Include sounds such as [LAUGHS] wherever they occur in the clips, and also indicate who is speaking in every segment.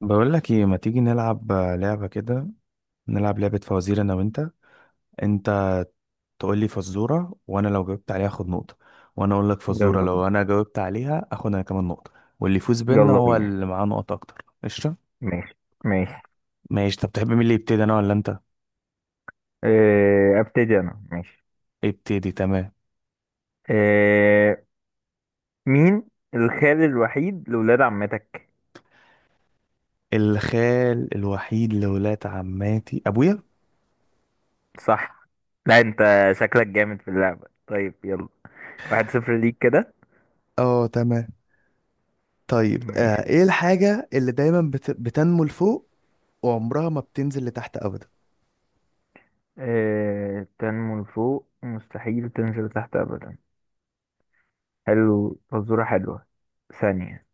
Speaker 1: بقول لك ايه، ما تيجي نلعب لعبة كده؟ نلعب لعبة فوازير انا وانت. انت تقول لي فزورة، وانا لو جاوبت عليها اخد نقطة، وانا اقول لك
Speaker 2: يلا
Speaker 1: فزورة
Speaker 2: بينا.
Speaker 1: لو انا جاوبت عليها اخد انا كمان نقطة، واللي يفوز بينا
Speaker 2: يلا
Speaker 1: هو
Speaker 2: بينا.
Speaker 1: اللي معاه نقط اكتر، قشطة؟
Speaker 2: ماشي. ماشي.
Speaker 1: ماشي. طب تحب مين اللي يبتدي، انا ولا انت؟
Speaker 2: أه، ابتدي انا. ماشي.
Speaker 1: ابتدي، تمام.
Speaker 2: أه. مين الخال الوحيد لولاد عمتك؟
Speaker 1: الخال الوحيد لولاد عماتي ابويا.
Speaker 2: صح. لا انت شكلك جامد في اللعبة، طيب يلا. 1-0 ليك كده.
Speaker 1: اه، تمام. طيب،
Speaker 2: ماشي.
Speaker 1: ايه الحاجة اللي دايما بتنمو لفوق وعمرها ما بتنزل لتحت ابدا؟
Speaker 2: أه، تنمو لفوق مستحيل تنزل تحت ابدا. حلو، فزورة حلوة. ثانية.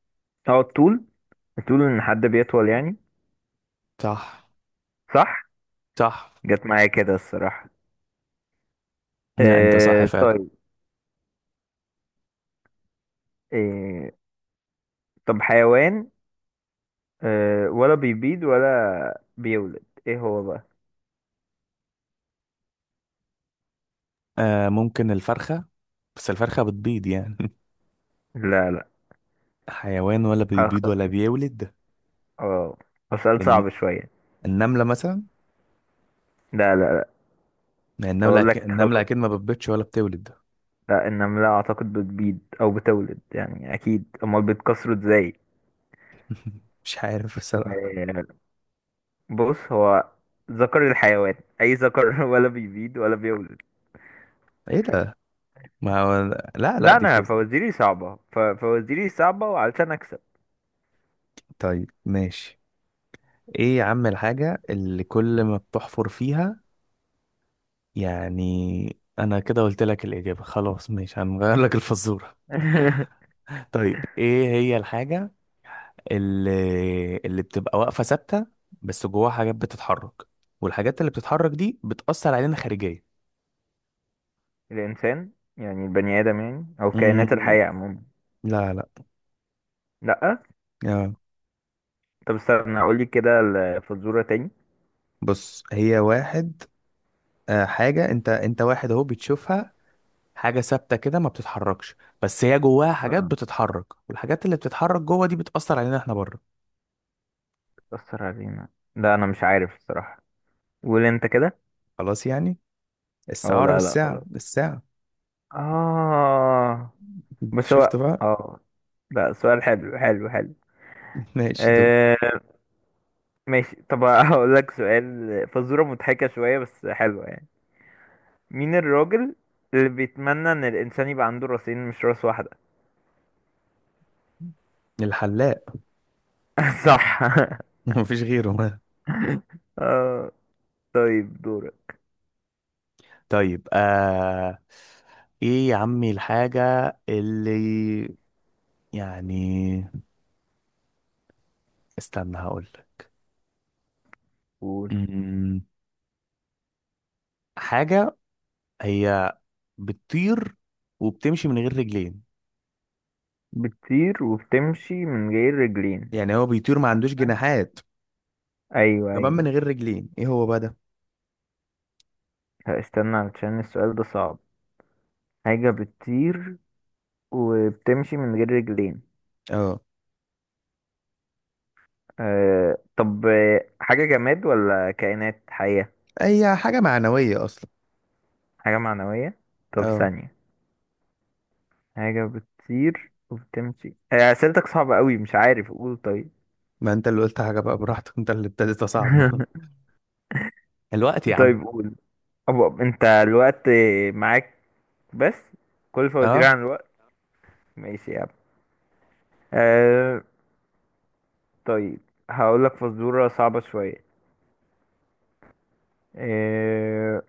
Speaker 2: اه، الطول. الطول ان حد بيطول يعني.
Speaker 1: صح.
Speaker 2: صح.
Speaker 1: صح.
Speaker 2: جت معايا كده الصراحة.
Speaker 1: لا، انت صح
Speaker 2: أه
Speaker 1: فعلا.
Speaker 2: طيب. أه. طب حيوان، أه ولا بيبيض ولا بيولد، ايه هو بقى؟
Speaker 1: آه، ممكن الفرخة، بس الفرخة بتبيض يعني.
Speaker 2: لا لا.
Speaker 1: [LAUGHS] حيوان ولا
Speaker 2: أخ...
Speaker 1: بيبيض ولا بيولد.
Speaker 2: اه، هو سؤال
Speaker 1: الن-
Speaker 2: صعب شوية.
Speaker 1: النملة مثلا،
Speaker 2: لا لا لا.
Speaker 1: يعني النملة
Speaker 2: اقول
Speaker 1: أكيد،
Speaker 2: لك
Speaker 1: النملة
Speaker 2: خلاص.
Speaker 1: أكيد ما بتبيضش ولا بتولد.
Speaker 2: لا، النملة اعتقد بتبيض او بتولد يعني اكيد، امال بتكسره ازاي؟
Speaker 1: [LAUGHS] مش عارف بصراحة.
Speaker 2: أه، بص، هو ذكر الحيوان. اي ذكر [LAUGHS] ولا بيبيض ولا بيولد.
Speaker 1: ايه ده؟ ما هو، لا لا،
Speaker 2: لا،
Speaker 1: دي
Speaker 2: انا
Speaker 1: فزة.
Speaker 2: فوازيري صعبة فوازيري صعبة وعلشان اكسب.
Speaker 1: طيب ماشي. ايه يا عم الحاجة اللي كل ما بتحفر فيها؟ يعني انا كده قلت لك الإجابة، خلاص ماشي، هنغير لك الفزورة.
Speaker 2: [LAUGHS]
Speaker 1: [LAUGHS] طيب، ايه هي الحاجة اللي بتبقى واقفة ثابتة، بس جواها حاجات بتتحرك، والحاجات اللي بتتحرك دي بتأثر علينا خارجيا؟
Speaker 2: الانسان، يعني البني ادم يعني، او كائنات
Speaker 1: مم،
Speaker 2: الحية عموما.
Speaker 1: لا لا.
Speaker 2: لا.
Speaker 1: يا
Speaker 2: طب استنى اقول لك كده الفزورة تاني.
Speaker 1: بص، هي واحد. آه، حاجة، انت واحد اهو بتشوفها. حاجة ثابتة كده ما بتتحركش، بس هي جواها حاجات
Speaker 2: اه،
Speaker 1: بتتحرك، والحاجات اللي بتتحرك جوه دي بتأثر علينا احنا بره.
Speaker 2: بتأثر علينا. لا انا مش عارف الصراحة، قول انت كده.
Speaker 1: خلاص يعني،
Speaker 2: اه
Speaker 1: السعارة
Speaker 2: لا لا
Speaker 1: بالساعة
Speaker 2: خلاص.
Speaker 1: الساعة.
Speaker 2: اه. بس
Speaker 1: شفت
Speaker 2: هو
Speaker 1: بقى؟
Speaker 2: اه. لا، سؤال حلو حلو حلو.
Speaker 1: [LAUGHS] ماشي، دول.
Speaker 2: آه. ماشي، طب هقول لك سؤال، فزورة مضحكة شوية بس حلوة يعني. مين الراجل اللي بيتمنى ان الانسان يبقى عنده راسين مش راس واحدة؟
Speaker 1: الحلاق.
Speaker 2: [LAUGHS] صح.
Speaker 1: [LAUGHS] مفيش غيره.
Speaker 2: اه طيب، دورك.
Speaker 1: طيب، ايه يا عمي الحاجة اللي يعني استنى هقول لك.
Speaker 2: قول.
Speaker 1: مم، حاجة هي بتطير وبتمشي من غير رجلين.
Speaker 2: بتطير وبتمشي من غير رجلين.
Speaker 1: يعني هو بيطير ما عندوش جناحات،
Speaker 2: ايوه
Speaker 1: كمان
Speaker 2: ايوه.
Speaker 1: من غير رجلين، ايه هو بقى ده؟
Speaker 2: هستنى علشان السؤال ده صعب. حاجة بتطير وبتمشي من غير رجلين.
Speaker 1: اه،
Speaker 2: آه طب حاجة جماد ولا كائنات حية؟
Speaker 1: هي حاجة معنوية اصلا.
Speaker 2: حاجة معنوية. طب
Speaker 1: اه،
Speaker 2: ثانية. حاجة بتطير وبتمشي، أسئلتك صعبة قوي، مش عارف، قول طيب.
Speaker 1: ما انت اللي قلت حاجة بقى براحتك، انت اللي ابتديت صعب.
Speaker 2: [LAUGHS]
Speaker 1: [LAUGHS] الوقت يا عم.
Speaker 2: طيب قول. أبقى انت الوقت معاك بس، كل فوازير عن
Speaker 1: اه،
Speaker 2: الوقت. ماشي يا عم. آه طيب، هقول لك فزورة صعبة شوية. آه.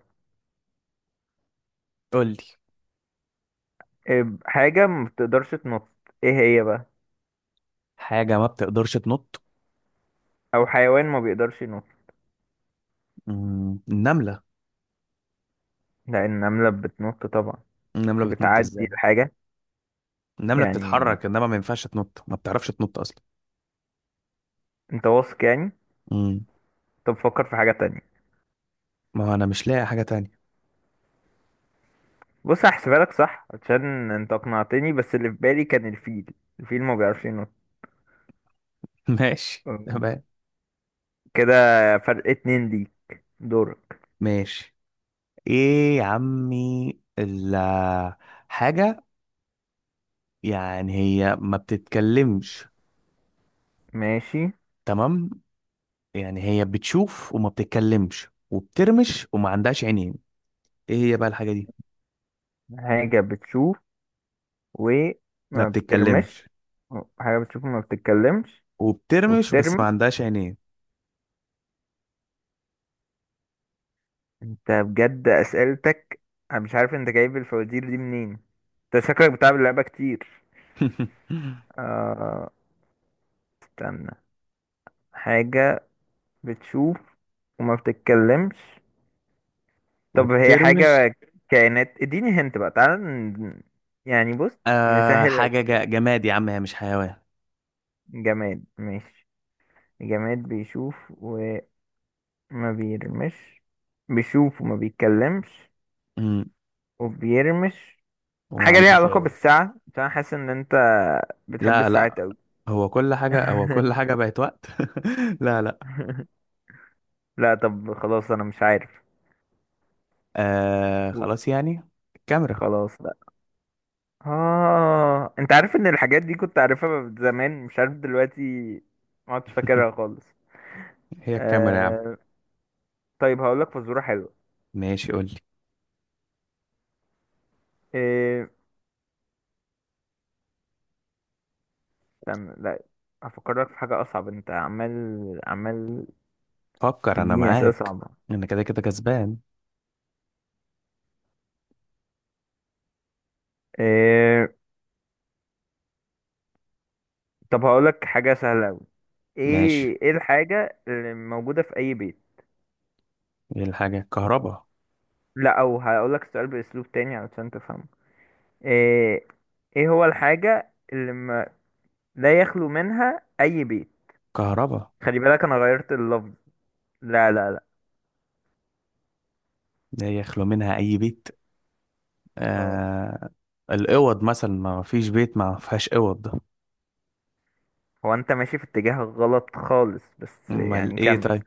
Speaker 1: قول لي.
Speaker 2: حاجة ما بتقدرش تنط، ايه هي بقى؟
Speaker 1: حاجة ما بتقدرش تنط.
Speaker 2: او حيوان ما بيقدرش ينط.
Speaker 1: النملة.
Speaker 2: لأن النملة بتنط طبعا،
Speaker 1: النملة
Speaker 2: مش
Speaker 1: بتنط
Speaker 2: بتعدي
Speaker 1: ازاي؟
Speaker 2: الحاجة
Speaker 1: النملة
Speaker 2: يعني.
Speaker 1: بتتحرك، انما ما ينفعش تنط، ما بتعرفش تنط اصلا.
Speaker 2: انت واثق يعني؟
Speaker 1: امم.
Speaker 2: طب فكر في حاجة تانية.
Speaker 1: ما هو انا مش لاقي حاجة تانية.
Speaker 2: بص، هحسبها لك صح عشان انت اقنعتني، بس اللي في بالي كان الفيل. الفيل ما بيعرفش ينط.
Speaker 1: [LAUGHS] ماشي
Speaker 2: أم،
Speaker 1: تمام.
Speaker 2: كده فرق اتنين ليك. دورك.
Speaker 1: ماشي. ايه يا عمي حاجة، يعني هي ما بتتكلمش.
Speaker 2: ماشي.
Speaker 1: تمام. يعني هي بتشوف وما بتتكلمش وبترمش وما عندهاش عينين، ايه هي بقى الحاجة دي؟
Speaker 2: حاجة بتشوف
Speaker 1: ما
Speaker 2: وما
Speaker 1: بتتكلمش
Speaker 2: بترمش. حاجة بتشوف وما بتتكلمش
Speaker 1: وبترمش بس ما
Speaker 2: وبترمي.
Speaker 1: عندهاش عينين.
Speaker 2: انت بجد اسئلتك، انا مش عارف انت جايب الفوازير دي منين، انت شكلك بتلعب اللعبة كتير.
Speaker 1: [LAUGHS]
Speaker 2: آه... استنى. حاجة بتشوف وما بتتكلمش. طب هي
Speaker 1: وبترمش.
Speaker 2: حاجة كائنات، اديني هنت بقى تعالى يعني بص،
Speaker 1: آه،
Speaker 2: نسهل لك.
Speaker 1: حاجة جماد يا عم، هي مش حيوان.
Speaker 2: جماد ماشي. جماد بيشوف وما بيرمش، بيشوف وما بيتكلمش
Speaker 1: امم
Speaker 2: وبيرمش.
Speaker 1: وما
Speaker 2: حاجة ليها
Speaker 1: عندوش
Speaker 2: علاقة
Speaker 1: عينين.
Speaker 2: بالساعة، عشان أنا حاسس ان انت بتحب
Speaker 1: لا
Speaker 2: الساعات
Speaker 1: لا،
Speaker 2: اوي.
Speaker 1: هو كل حاجة،
Speaker 2: [LAUGHS]
Speaker 1: بقت وقت. [LAUGHS] لا لا.
Speaker 2: لا طب خلاص، انا مش عارف.
Speaker 1: خلاص يعني، الكاميرا.
Speaker 2: خلاص. اه، انت عارف ان الحاجات دي كنت عارفها زمان، مش عارف دلوقتي ما عدتش
Speaker 1: [LAUGHS]
Speaker 2: فاكرها خالص.
Speaker 1: هي الكاميرا يا عم.
Speaker 2: آه... طيب هقول لك فزوره حلوه.
Speaker 1: ماشي قول لي.
Speaker 2: آه... استنى لا، هفكرك في حاجه اصعب، انت عمال عمال
Speaker 1: فكر، انا
Speaker 2: تديني اسئله
Speaker 1: معاك.
Speaker 2: صعبه.
Speaker 1: انا كده كده كسبان.
Speaker 2: آه... طب هقول لك حاجه سهله قوي.
Speaker 1: ماشي.
Speaker 2: ايه الحاجه اللي موجوده في اي بيت؟
Speaker 1: ايه الحاجة؟ كهربا.
Speaker 2: لا، او هقول لك السؤال باسلوب تاني علشان تفهمه. آه... ايه هو الحاجه اللي ما... لا يخلو منها اي بيت؟
Speaker 1: كهربا
Speaker 2: خلي بالك، انا غيرت اللفظ. لا لا لا.
Speaker 1: ده يخلو منها اي بيت؟
Speaker 2: اه.
Speaker 1: آه، الاوض مثلا، ما فيش بيت ما فيهاش اوض ده.
Speaker 2: هو انت ماشي في اتجاه غلط خالص، بس
Speaker 1: امال
Speaker 2: يعني
Speaker 1: ايه
Speaker 2: كمل.
Speaker 1: طيب؟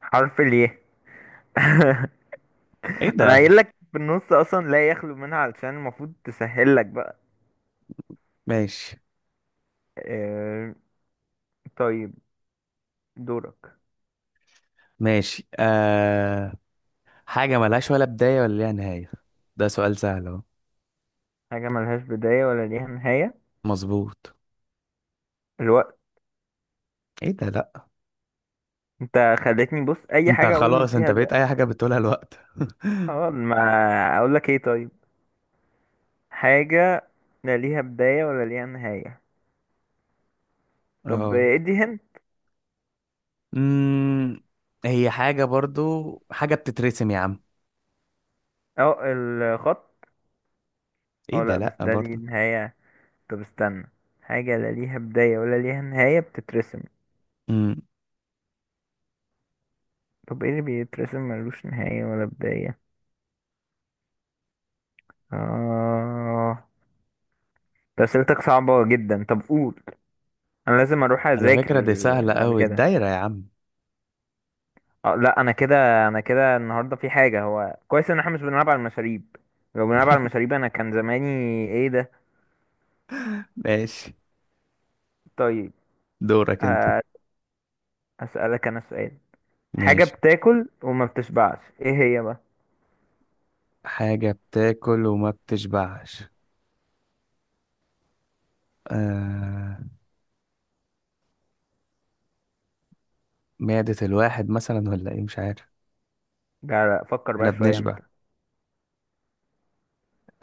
Speaker 2: حرف الياء. [LAUGHS]
Speaker 1: ايه
Speaker 2: انا
Speaker 1: ده!
Speaker 2: قايل لك في النص اصلا لا يخلو منها، علشان المفروض تسهل لك بقى.
Speaker 1: ماشي.
Speaker 2: آه، طيب دورك.
Speaker 1: ماشي، حاجة ملهاش ولا بداية ولا ليها نهاية. ده سؤال سهل اهو.
Speaker 2: حاجة ملهاش بداية ولا ليها نهاية.
Speaker 1: مظبوط.
Speaker 2: الوقت.
Speaker 1: ايه ده، لا.
Speaker 2: انت خلتني بص اي
Speaker 1: انت
Speaker 2: حاجة اقول
Speaker 1: خلاص، انت
Speaker 2: فيها
Speaker 1: بقيت اي
Speaker 2: الوقت.
Speaker 1: حاجة بتقولها الوقت.
Speaker 2: اه ما اقول لك ايه؟ طيب، حاجة لا ليها بداية ولا ليها نهاية.
Speaker 1: [LAUGHS]
Speaker 2: طب
Speaker 1: اه.
Speaker 2: ادي هنا.
Speaker 1: امم هي حاجة برضو، حاجة بتترسم يا عم.
Speaker 2: اه الخط.
Speaker 1: ايه
Speaker 2: اه
Speaker 1: ده،
Speaker 2: لا، بس
Speaker 1: لا
Speaker 2: ده ليه
Speaker 1: برضو.
Speaker 2: نهاية. طب استنى، حاجة لا ليها بداية ولا ليها نهاية بتترسم.
Speaker 1: امم.
Speaker 2: طب ايه اللي بيترسم ملوش نهاية ولا بداية؟ اه، ده اسئلتك صعبة جدا، طب قول انا لازم اروح
Speaker 1: على
Speaker 2: اذاكر.
Speaker 1: فكرة دي سهلة
Speaker 2: بعد
Speaker 1: قوي،
Speaker 2: كده
Speaker 1: الدايرة يا عم.
Speaker 2: اه لا، انا كده النهاردة في حاجة. هو كويس ان احنا مش بنلعب على المشاريب، لو بنلعب على
Speaker 1: [LAUGHS]
Speaker 2: المشاريب انا كان زماني. ايه ده؟
Speaker 1: ماشي.
Speaker 2: طيب
Speaker 1: دورك انت.
Speaker 2: ه- هسألك انا سؤال. حاجة
Speaker 1: ماشي.
Speaker 2: بتاكل وما بتشبعش، ايه هي بقى؟
Speaker 1: حاجة بتاكل وما بتشبعش. آه... معدة الواحد مثلا، ولا ايه مش عارف.
Speaker 2: لا لا، فكر
Speaker 1: احنا
Speaker 2: بقى شوية
Speaker 1: بنشبع.
Speaker 2: انت.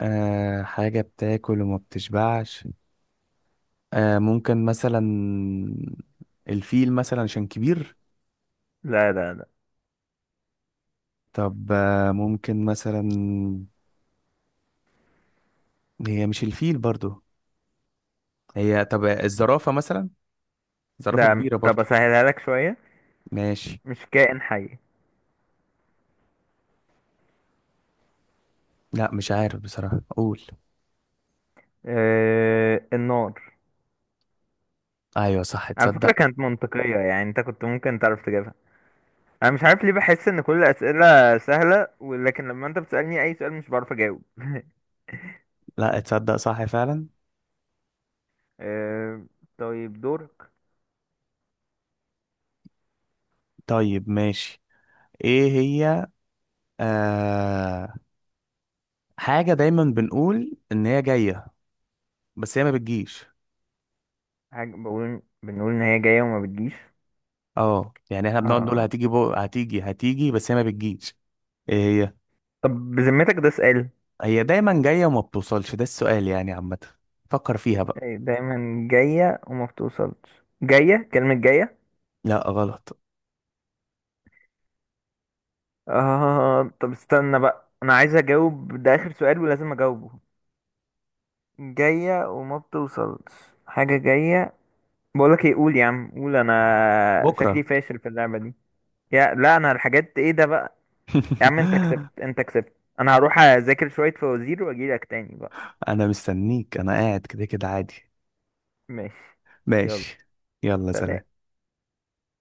Speaker 1: حاجة بتاكل وما بتشبعش. ممكن مثلا الفيل مثلا عشان كبير.
Speaker 2: لا لا لا.
Speaker 1: طب ممكن مثلا، هي مش الفيل برضو، هي طب الزرافة مثلا، زرافة
Speaker 2: ده
Speaker 1: كبيرة
Speaker 2: طب
Speaker 1: برضو.
Speaker 2: اسهلها لك شوية،
Speaker 1: ماشي.
Speaker 2: مش كائن حي.
Speaker 1: لا مش عارف بصراحة، قول.
Speaker 2: آه النار.
Speaker 1: ايوه صح،
Speaker 2: على فكرة
Speaker 1: تصدق؟
Speaker 2: كانت منطقية يعني، انت كنت ممكن تعرف تجيبها. انا مش عارف ليه بحس ان كل الاسئلة سهلة، ولكن لما انت بتسألني اي سؤال مش بعرف اجاوب. [LAUGHS]
Speaker 1: لا تصدق، صح فعلا.
Speaker 2: آه طيب دورك.
Speaker 1: طيب ماشي. ايه هي، آه حاجة دايما بنقول ان هي جاية بس هي ما بتجيش.
Speaker 2: حاجة بقول بنقول ان هي جاية وما بتجيش.
Speaker 1: اه يعني احنا بنقعد نقول
Speaker 2: آه
Speaker 1: هتيجي هتيجي هتيجي بس هي ما بتجيش. ايه هي؟
Speaker 2: طب بذمتك ده سؤال؟
Speaker 1: هي دايما جاية وما بتوصلش، ده السؤال يعني عامة، فكر فيها بقى.
Speaker 2: دايما جاية وما بتوصلش، جاية، كلمة جاية.
Speaker 1: لا غلط.
Speaker 2: آه طب استنى بقى، انا عايز اجاوب، ده اخر سؤال ولازم اجاوبه. جاية وما بتوصلش، حاجة جاية. بقولك ايه، قول يا عم، قول، انا
Speaker 1: بكرة.
Speaker 2: شكلي فاشل في اللعبة دي. يا لا انا الحاجات، ايه ده بقى؟ يا عم انت كسبت،
Speaker 1: [LAUGHS]
Speaker 2: انت كسبت. انا هروح اذاكر شوية فوازير واجيلك تاني بقى.
Speaker 1: انا مستنيك، انا قاعد كده كده عادي.
Speaker 2: ماشي. يلا
Speaker 1: ماشي. يلا
Speaker 2: سلام.
Speaker 1: سلام.